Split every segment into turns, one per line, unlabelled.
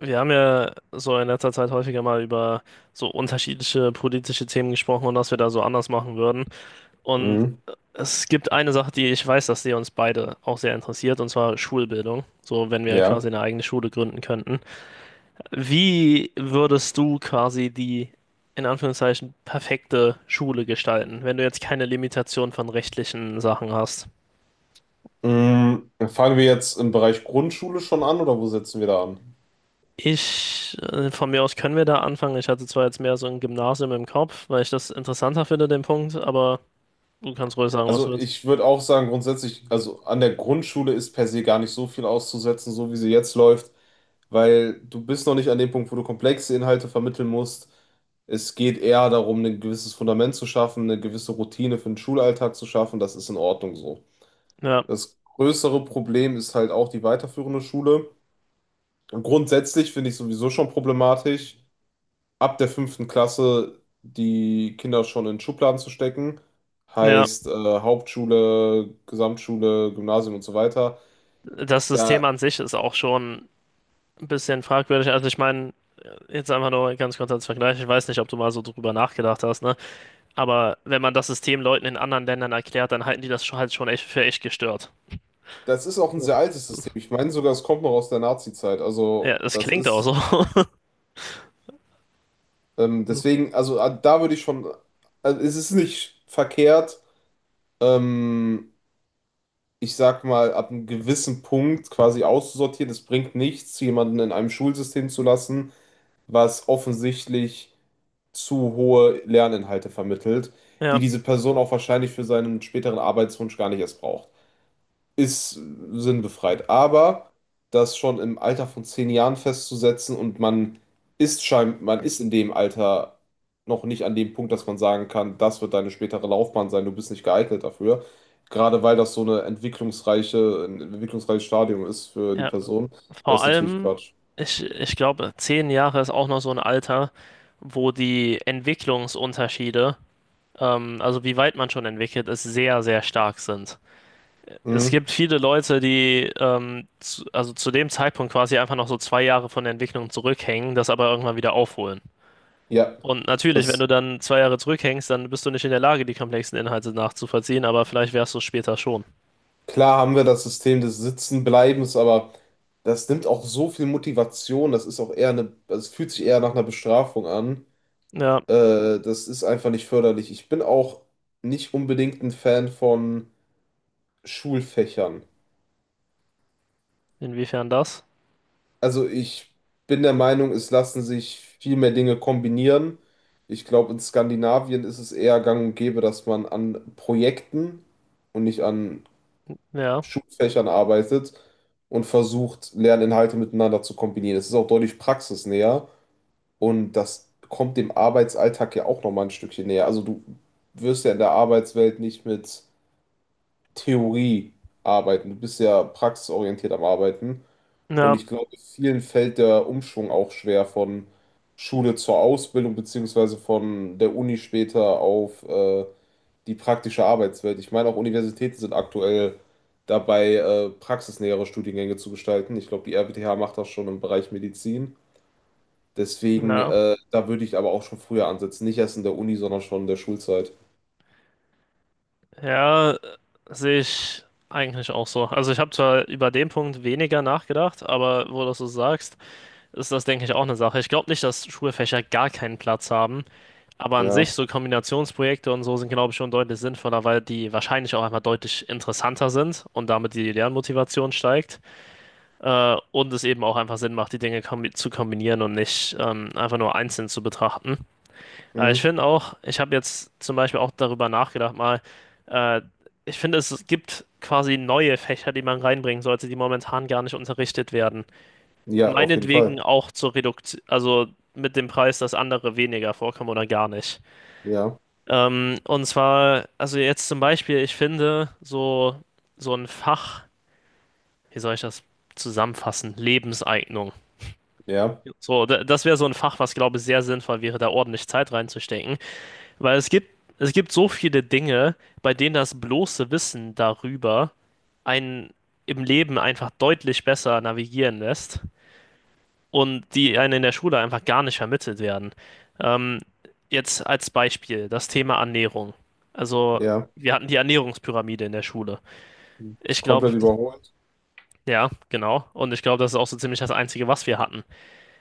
Wir haben ja so in letzter Zeit häufiger mal über so unterschiedliche politische Themen gesprochen und was wir da so anders machen würden. Und
Mhm.
es gibt eine Sache, die ich weiß, dass die uns beide auch sehr interessiert, und zwar Schulbildung. So, wenn wir quasi
Ja.
eine eigene Schule gründen könnten. Wie würdest du quasi die, in Anführungszeichen, perfekte Schule gestalten, wenn du jetzt keine Limitation von rechtlichen Sachen hast?
Mhm. Fangen wir jetzt im Bereich Grundschule schon an, oder wo setzen wir da an?
Von mir aus können wir da anfangen. Ich hatte zwar jetzt mehr so ein Gymnasium im Kopf, weil ich das interessanter finde, den Punkt, aber du kannst ruhig sagen, was du
Also
willst.
ich würde auch sagen, grundsätzlich, also an der Grundschule ist per se gar nicht so viel auszusetzen, so wie sie jetzt läuft, weil du bist noch nicht an dem Punkt, wo du komplexe Inhalte vermitteln musst. Es geht eher darum, ein gewisses Fundament zu schaffen, eine gewisse Routine für den Schulalltag zu schaffen. Das ist in Ordnung so.
Ja,
Das größere Problem ist halt auch die weiterführende Schule. Und grundsätzlich finde ich sowieso schon problematisch. Ab der fünften Klasse die Kinder schon in Schubladen zu stecken,
ja.
heißt Hauptschule, Gesamtschule, Gymnasium und so weiter.
Das
Da,
System an sich ist auch schon ein bisschen fragwürdig. Also ich meine, jetzt einfach nur ganz kurz als Vergleich. Ich weiß nicht, ob du mal so drüber nachgedacht hast, ne? Aber wenn man das System Leuten in anderen Ländern erklärt, dann halten die das halt schon echt für echt gestört.
das ist auch ein
Ja,
sehr altes System. Ich meine sogar, es kommt noch aus der Nazi-Zeit.
ja,
Also
das
das
klingt auch
ist
so.
deswegen, da würde ich schon, also, es ist nicht verkehrt, ähm, ich sag mal, ab einem gewissen Punkt quasi auszusortieren. Es bringt nichts, jemanden in einem Schulsystem zu lassen, was offensichtlich zu hohe Lerninhalte vermittelt, die
Ja.
diese Person auch wahrscheinlich für seinen späteren Arbeitswunsch gar nicht erst braucht. Ist sinnbefreit. Aber das schon im Alter von zehn Jahren festzusetzen, und man man ist in dem Alter noch nicht an dem Punkt, dass man sagen kann, das wird deine spätere Laufbahn sein, du bist nicht geeignet dafür. Gerade weil das so eine ein entwicklungsreiches Stadium ist für die
Ja,
Person,
vor
das ist natürlich
allem,
Quatsch.
ich glaube, 10 Jahre ist auch noch so ein Alter, wo die Entwicklungsunterschiede, also wie weit man schon entwickelt ist, sehr, sehr stark sind. Es
Mhm.
gibt viele Leute, die also zu dem Zeitpunkt quasi einfach noch so 2 Jahre von der Entwicklung zurückhängen, das aber irgendwann wieder aufholen.
Ja,
Und natürlich, wenn du
das
dann 2 Jahre zurückhängst, dann bist du nicht in der Lage, die komplexen Inhalte nachzuvollziehen, aber vielleicht wärst du es später schon.
Klar haben wir das System des Sitzenbleibens, aber das nimmt auch so viel Motivation. Das ist auch also es fühlt sich eher nach einer Bestrafung an.
Ja,
Das ist einfach nicht förderlich. Ich bin auch nicht unbedingt ein Fan von Schulfächern.
inwiefern das?
Also ich bin der Meinung, es lassen sich viel mehr Dinge kombinieren. Ich glaube, in Skandinavien ist es eher gang und gäbe, dass man an Projekten und nicht an
Ja,
Schulfächern arbeitet und versucht, Lerninhalte miteinander zu kombinieren. Es ist auch deutlich praxisnäher, und das kommt dem Arbeitsalltag ja auch nochmal ein Stückchen näher. Also du wirst ja in der Arbeitswelt nicht mit Theorie arbeiten, du bist ja praxisorientiert am Arbeiten, und
ja,
ich glaube, vielen fällt der Umschwung auch schwer von Schule zur Ausbildung beziehungsweise von der Uni später auf die praktische Arbeitswelt. Ich meine, auch Universitäten sind aktuell dabei, praxisnähere Studiengänge zu gestalten. Ich glaube, die RWTH macht das schon im Bereich Medizin. Deswegen,
ja.
da würde ich aber auch schon früher ansetzen. Nicht erst in der Uni, sondern schon in der Schulzeit.
Ja, sehe ich eigentlich auch so. Also ich habe zwar über den Punkt weniger nachgedacht, aber wo du das so sagst, ist das, denke ich, auch eine Sache. Ich glaube nicht, dass Schulfächer gar keinen Platz haben, aber an sich
Ja,
so Kombinationsprojekte und so sind, glaube ich, schon deutlich sinnvoller, weil die wahrscheinlich auch einfach deutlich interessanter sind und damit die Lernmotivation steigt, und es eben auch einfach Sinn macht, die Dinge kombi zu kombinieren und nicht einfach nur einzeln zu betrachten. Aber ich
mhm.
finde auch, ich habe jetzt zum Beispiel auch darüber nachgedacht, äh, ich finde, es gibt quasi neue Fächer, die man reinbringen sollte, die momentan gar nicht unterrichtet werden.
Ja, auf jeden
Meinetwegen
Fall.
auch zur Reduktion, also mit dem Preis, dass andere weniger vorkommen oder gar nicht.
Ja,
Und zwar, also jetzt zum Beispiel, ich finde, so, so ein Fach, wie soll ich das zusammenfassen? Lebenseignung.
ja,
So, das wäre so ein Fach, was, glaube ich, sehr sinnvoll wäre, da ordentlich Zeit reinzustecken. Weil es gibt, Es gibt so viele Dinge, bei denen das bloße Wissen darüber einen im Leben einfach deutlich besser navigieren lässt und die einem in der Schule einfach gar nicht vermittelt werden. Ähm, Jetzt als Beispiel das Thema Ernährung. Also
ja.
wir hatten die Ernährungspyramide in der Schule. Ich glaube,
Komplett überholt.
ja, genau. Und ich glaube, das ist auch so ziemlich das Einzige, was wir hatten.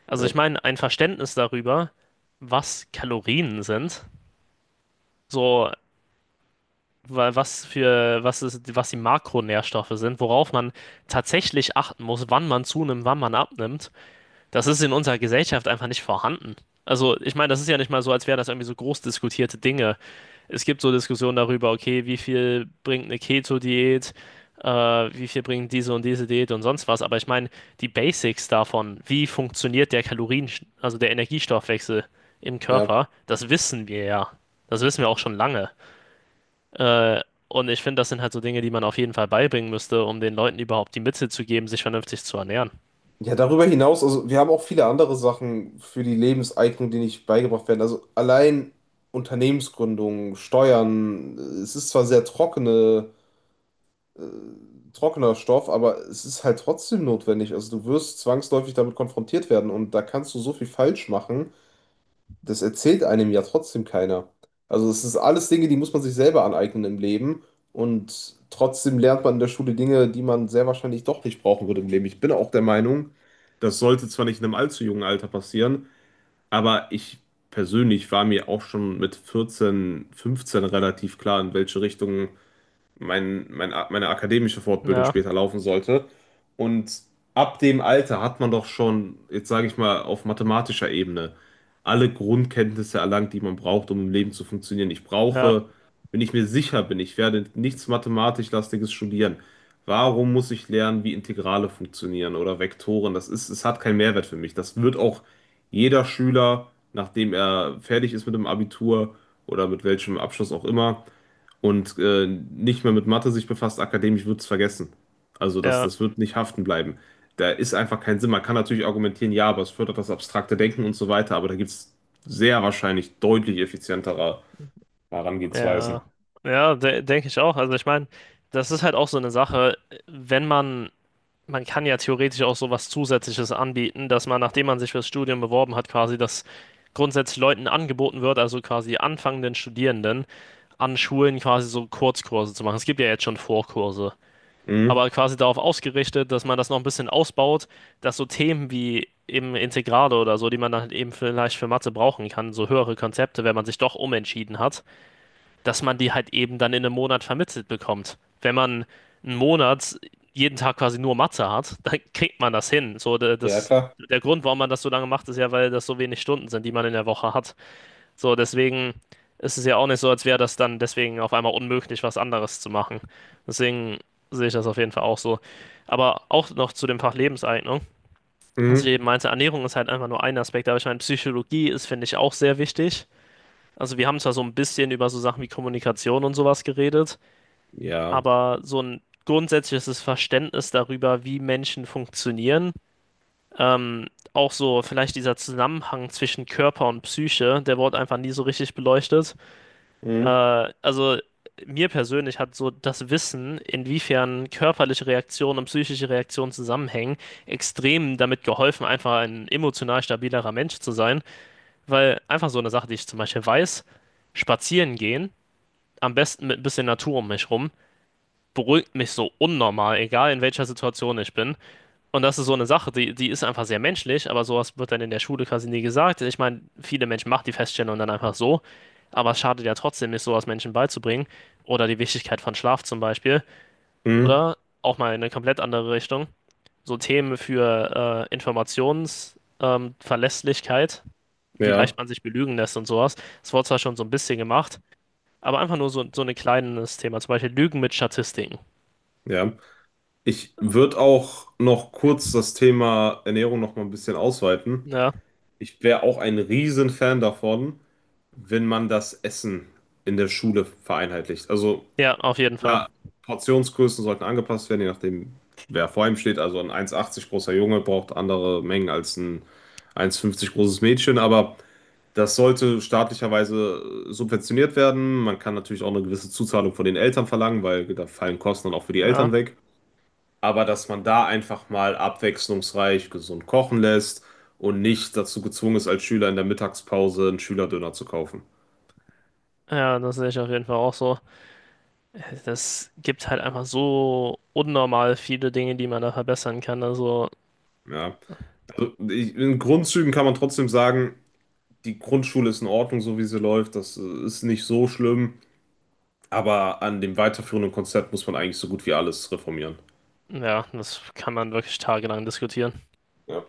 Also
Ja,
ich meine, ein Verständnis darüber, was Kalorien sind. So, wa- was für, was ist, was die Makronährstoffe sind, worauf man tatsächlich achten muss, wann man zunimmt, wann man abnimmt, das ist in unserer Gesellschaft einfach nicht vorhanden. Also, ich meine, das ist ja nicht mal so, als wären das irgendwie so groß diskutierte Dinge. Es gibt so Diskussionen darüber, okay, wie viel bringt eine Keto-Diät, wie viel bringt diese und diese Diät und sonst was, aber ich meine, die Basics davon, wie funktioniert der Kalorien, also der Energiestoffwechsel im
ja.
Körper, das wissen wir ja. Das wissen wir auch schon lange. Äh, und ich finde, das sind halt so Dinge, die man auf jeden Fall beibringen müsste, um den Leuten überhaupt die Mittel zu geben, sich vernünftig zu ernähren.
Ja, darüber hinaus, also wir haben auch viele andere Sachen für die Lebenseignung, die nicht beigebracht werden. Also allein Unternehmensgründung, Steuern, es ist zwar sehr trockener Stoff, aber es ist halt trotzdem notwendig. Also du wirst zwangsläufig damit konfrontiert werden, und da kannst du so viel falsch machen, das erzählt einem ja trotzdem keiner. Also es ist alles Dinge, die muss man sich selber aneignen im Leben, und trotzdem lernt man in der Schule Dinge, die man sehr wahrscheinlich doch nicht brauchen würde im Leben. Ich bin auch der Meinung, das sollte zwar nicht in einem allzu jungen Alter passieren, aber ich persönlich war mir auch schon mit 14, 15 relativ klar, in welche Richtung meine akademische Fortbildung
Ja,
später laufen sollte. Und ab dem Alter hat man doch schon, jetzt sage ich mal, auf mathematischer Ebene alle Grundkenntnisse erlangt, die man braucht, um im Leben zu funktionieren.
ja,
Wenn ich mir sicher bin, ich werde nichts mathematisch-lastiges studieren. Warum muss ich lernen, wie Integrale funktionieren oder Vektoren? Es hat keinen Mehrwert für mich. Das wird auch jeder Schüler, nachdem er fertig ist mit dem Abitur oder mit welchem Abschluss auch immer, und nicht mehr mit Mathe sich befasst, akademisch wird es vergessen. Also
ja,
das wird nicht haften bleiben. Da ist einfach kein Sinn. Man kann natürlich argumentieren, ja, aber es fördert das abstrakte Denken und so weiter, aber da gibt es sehr wahrscheinlich deutlich effizientere
ja.
Herangehensweisen.
Ja, de denke ich auch. Also ich meine, das ist halt auch so eine Sache, wenn man, man kann ja theoretisch auch so was Zusätzliches anbieten, dass man, nachdem man sich fürs Studium beworben hat, quasi das grundsätzlich Leuten angeboten wird, also quasi anfangenden Studierenden an Schulen quasi so Kurzkurse zu machen. Es gibt ja jetzt schon Vorkurse,
Mhm.
aber quasi darauf ausgerichtet, dass man das noch ein bisschen ausbaut, dass so Themen wie eben Integrale oder so, die man dann eben vielleicht für Mathe brauchen kann, so höhere Konzepte, wenn man sich doch umentschieden hat, dass man die halt eben dann in einem Monat vermittelt bekommt. Wenn man einen Monat jeden Tag quasi nur Mathe hat, dann kriegt man das hin. So,
Ja,
das,
klar.
der Grund, warum man das so lange macht, ist ja, weil das so wenig Stunden sind, die man in der Woche hat. So, deswegen ist es ja auch nicht so, als wäre das dann deswegen auf einmal unmöglich, was anderes zu machen. Deswegen sehe ich das auf jeden Fall auch so. Aber auch noch zu dem Fach Lebenseignung, was ich
Mhm.
eben meinte, Ernährung ist halt einfach nur ein Aspekt, aber ich meine, Psychologie ist, finde ich, auch sehr wichtig. Also wir haben zwar so ein bisschen über so Sachen wie Kommunikation und sowas geredet,
Ja.
aber so ein grundsätzliches Verständnis darüber, wie Menschen funktionieren, ähm, auch so vielleicht dieser Zusammenhang zwischen Körper und Psyche, der wurde einfach nie so richtig beleuchtet. Äh,
Mhm.
also Mir persönlich hat so das Wissen, inwiefern körperliche Reaktionen und psychische Reaktionen zusammenhängen, extrem damit geholfen, einfach ein emotional stabilerer Mensch zu sein. Weil einfach so eine Sache, die ich zum Beispiel weiß, spazieren gehen, am besten mit ein bisschen Natur um mich rum, beruhigt mich so unnormal, egal in welcher Situation ich bin. Und das ist so eine Sache, die ist einfach sehr menschlich, aber sowas wird dann in der Schule quasi nie gesagt. Ich meine, viele Menschen machen die Feststellung dann einfach so, aber es schadet ja trotzdem nicht, sowas Menschen beizubringen. Oder die Wichtigkeit von Schlaf zum Beispiel.
Mhm.
Oder auch mal in eine komplett andere Richtung. So Themen für Informationsverlässlichkeit, wie leicht
Ja.
man sich belügen lässt und sowas. Das wurde zwar schon so ein bisschen gemacht, aber einfach nur so, so ein kleines Thema. Zum Beispiel Lügen mit Statistiken.
Ja. Ich würde auch noch kurz das Thema Ernährung noch mal ein bisschen ausweiten.
Ja,
Ich wäre auch ein Riesenfan davon, wenn man das Essen in der Schule vereinheitlicht. Also,
ja, auf jeden Fall.
ja, Portionsgrößen sollten angepasst werden, je nachdem, wer vor ihm steht. Also ein 1,80 großer Junge braucht andere Mengen als ein 1,50 großes Mädchen, aber das sollte staatlicherweise subventioniert werden. Man kann natürlich auch eine gewisse Zuzahlung von den Eltern verlangen, weil da fallen Kosten dann auch für die
Ja,
Eltern weg. Aber dass man da einfach mal abwechslungsreich gesund kochen lässt und nicht dazu gezwungen ist, als Schüler in der Mittagspause einen Schülerdöner zu kaufen.
ja, das sehe ich auf jeden Fall auch so. Das gibt halt einfach so unnormal viele Dinge, die man da verbessern kann. Also,
Ja. In Grundzügen kann man trotzdem sagen, die Grundschule ist in Ordnung, so wie sie läuft. Das ist nicht so schlimm. Aber an dem weiterführenden Konzept muss man eigentlich so gut wie alles reformieren.
ja, das kann man wirklich tagelang diskutieren.
Ja.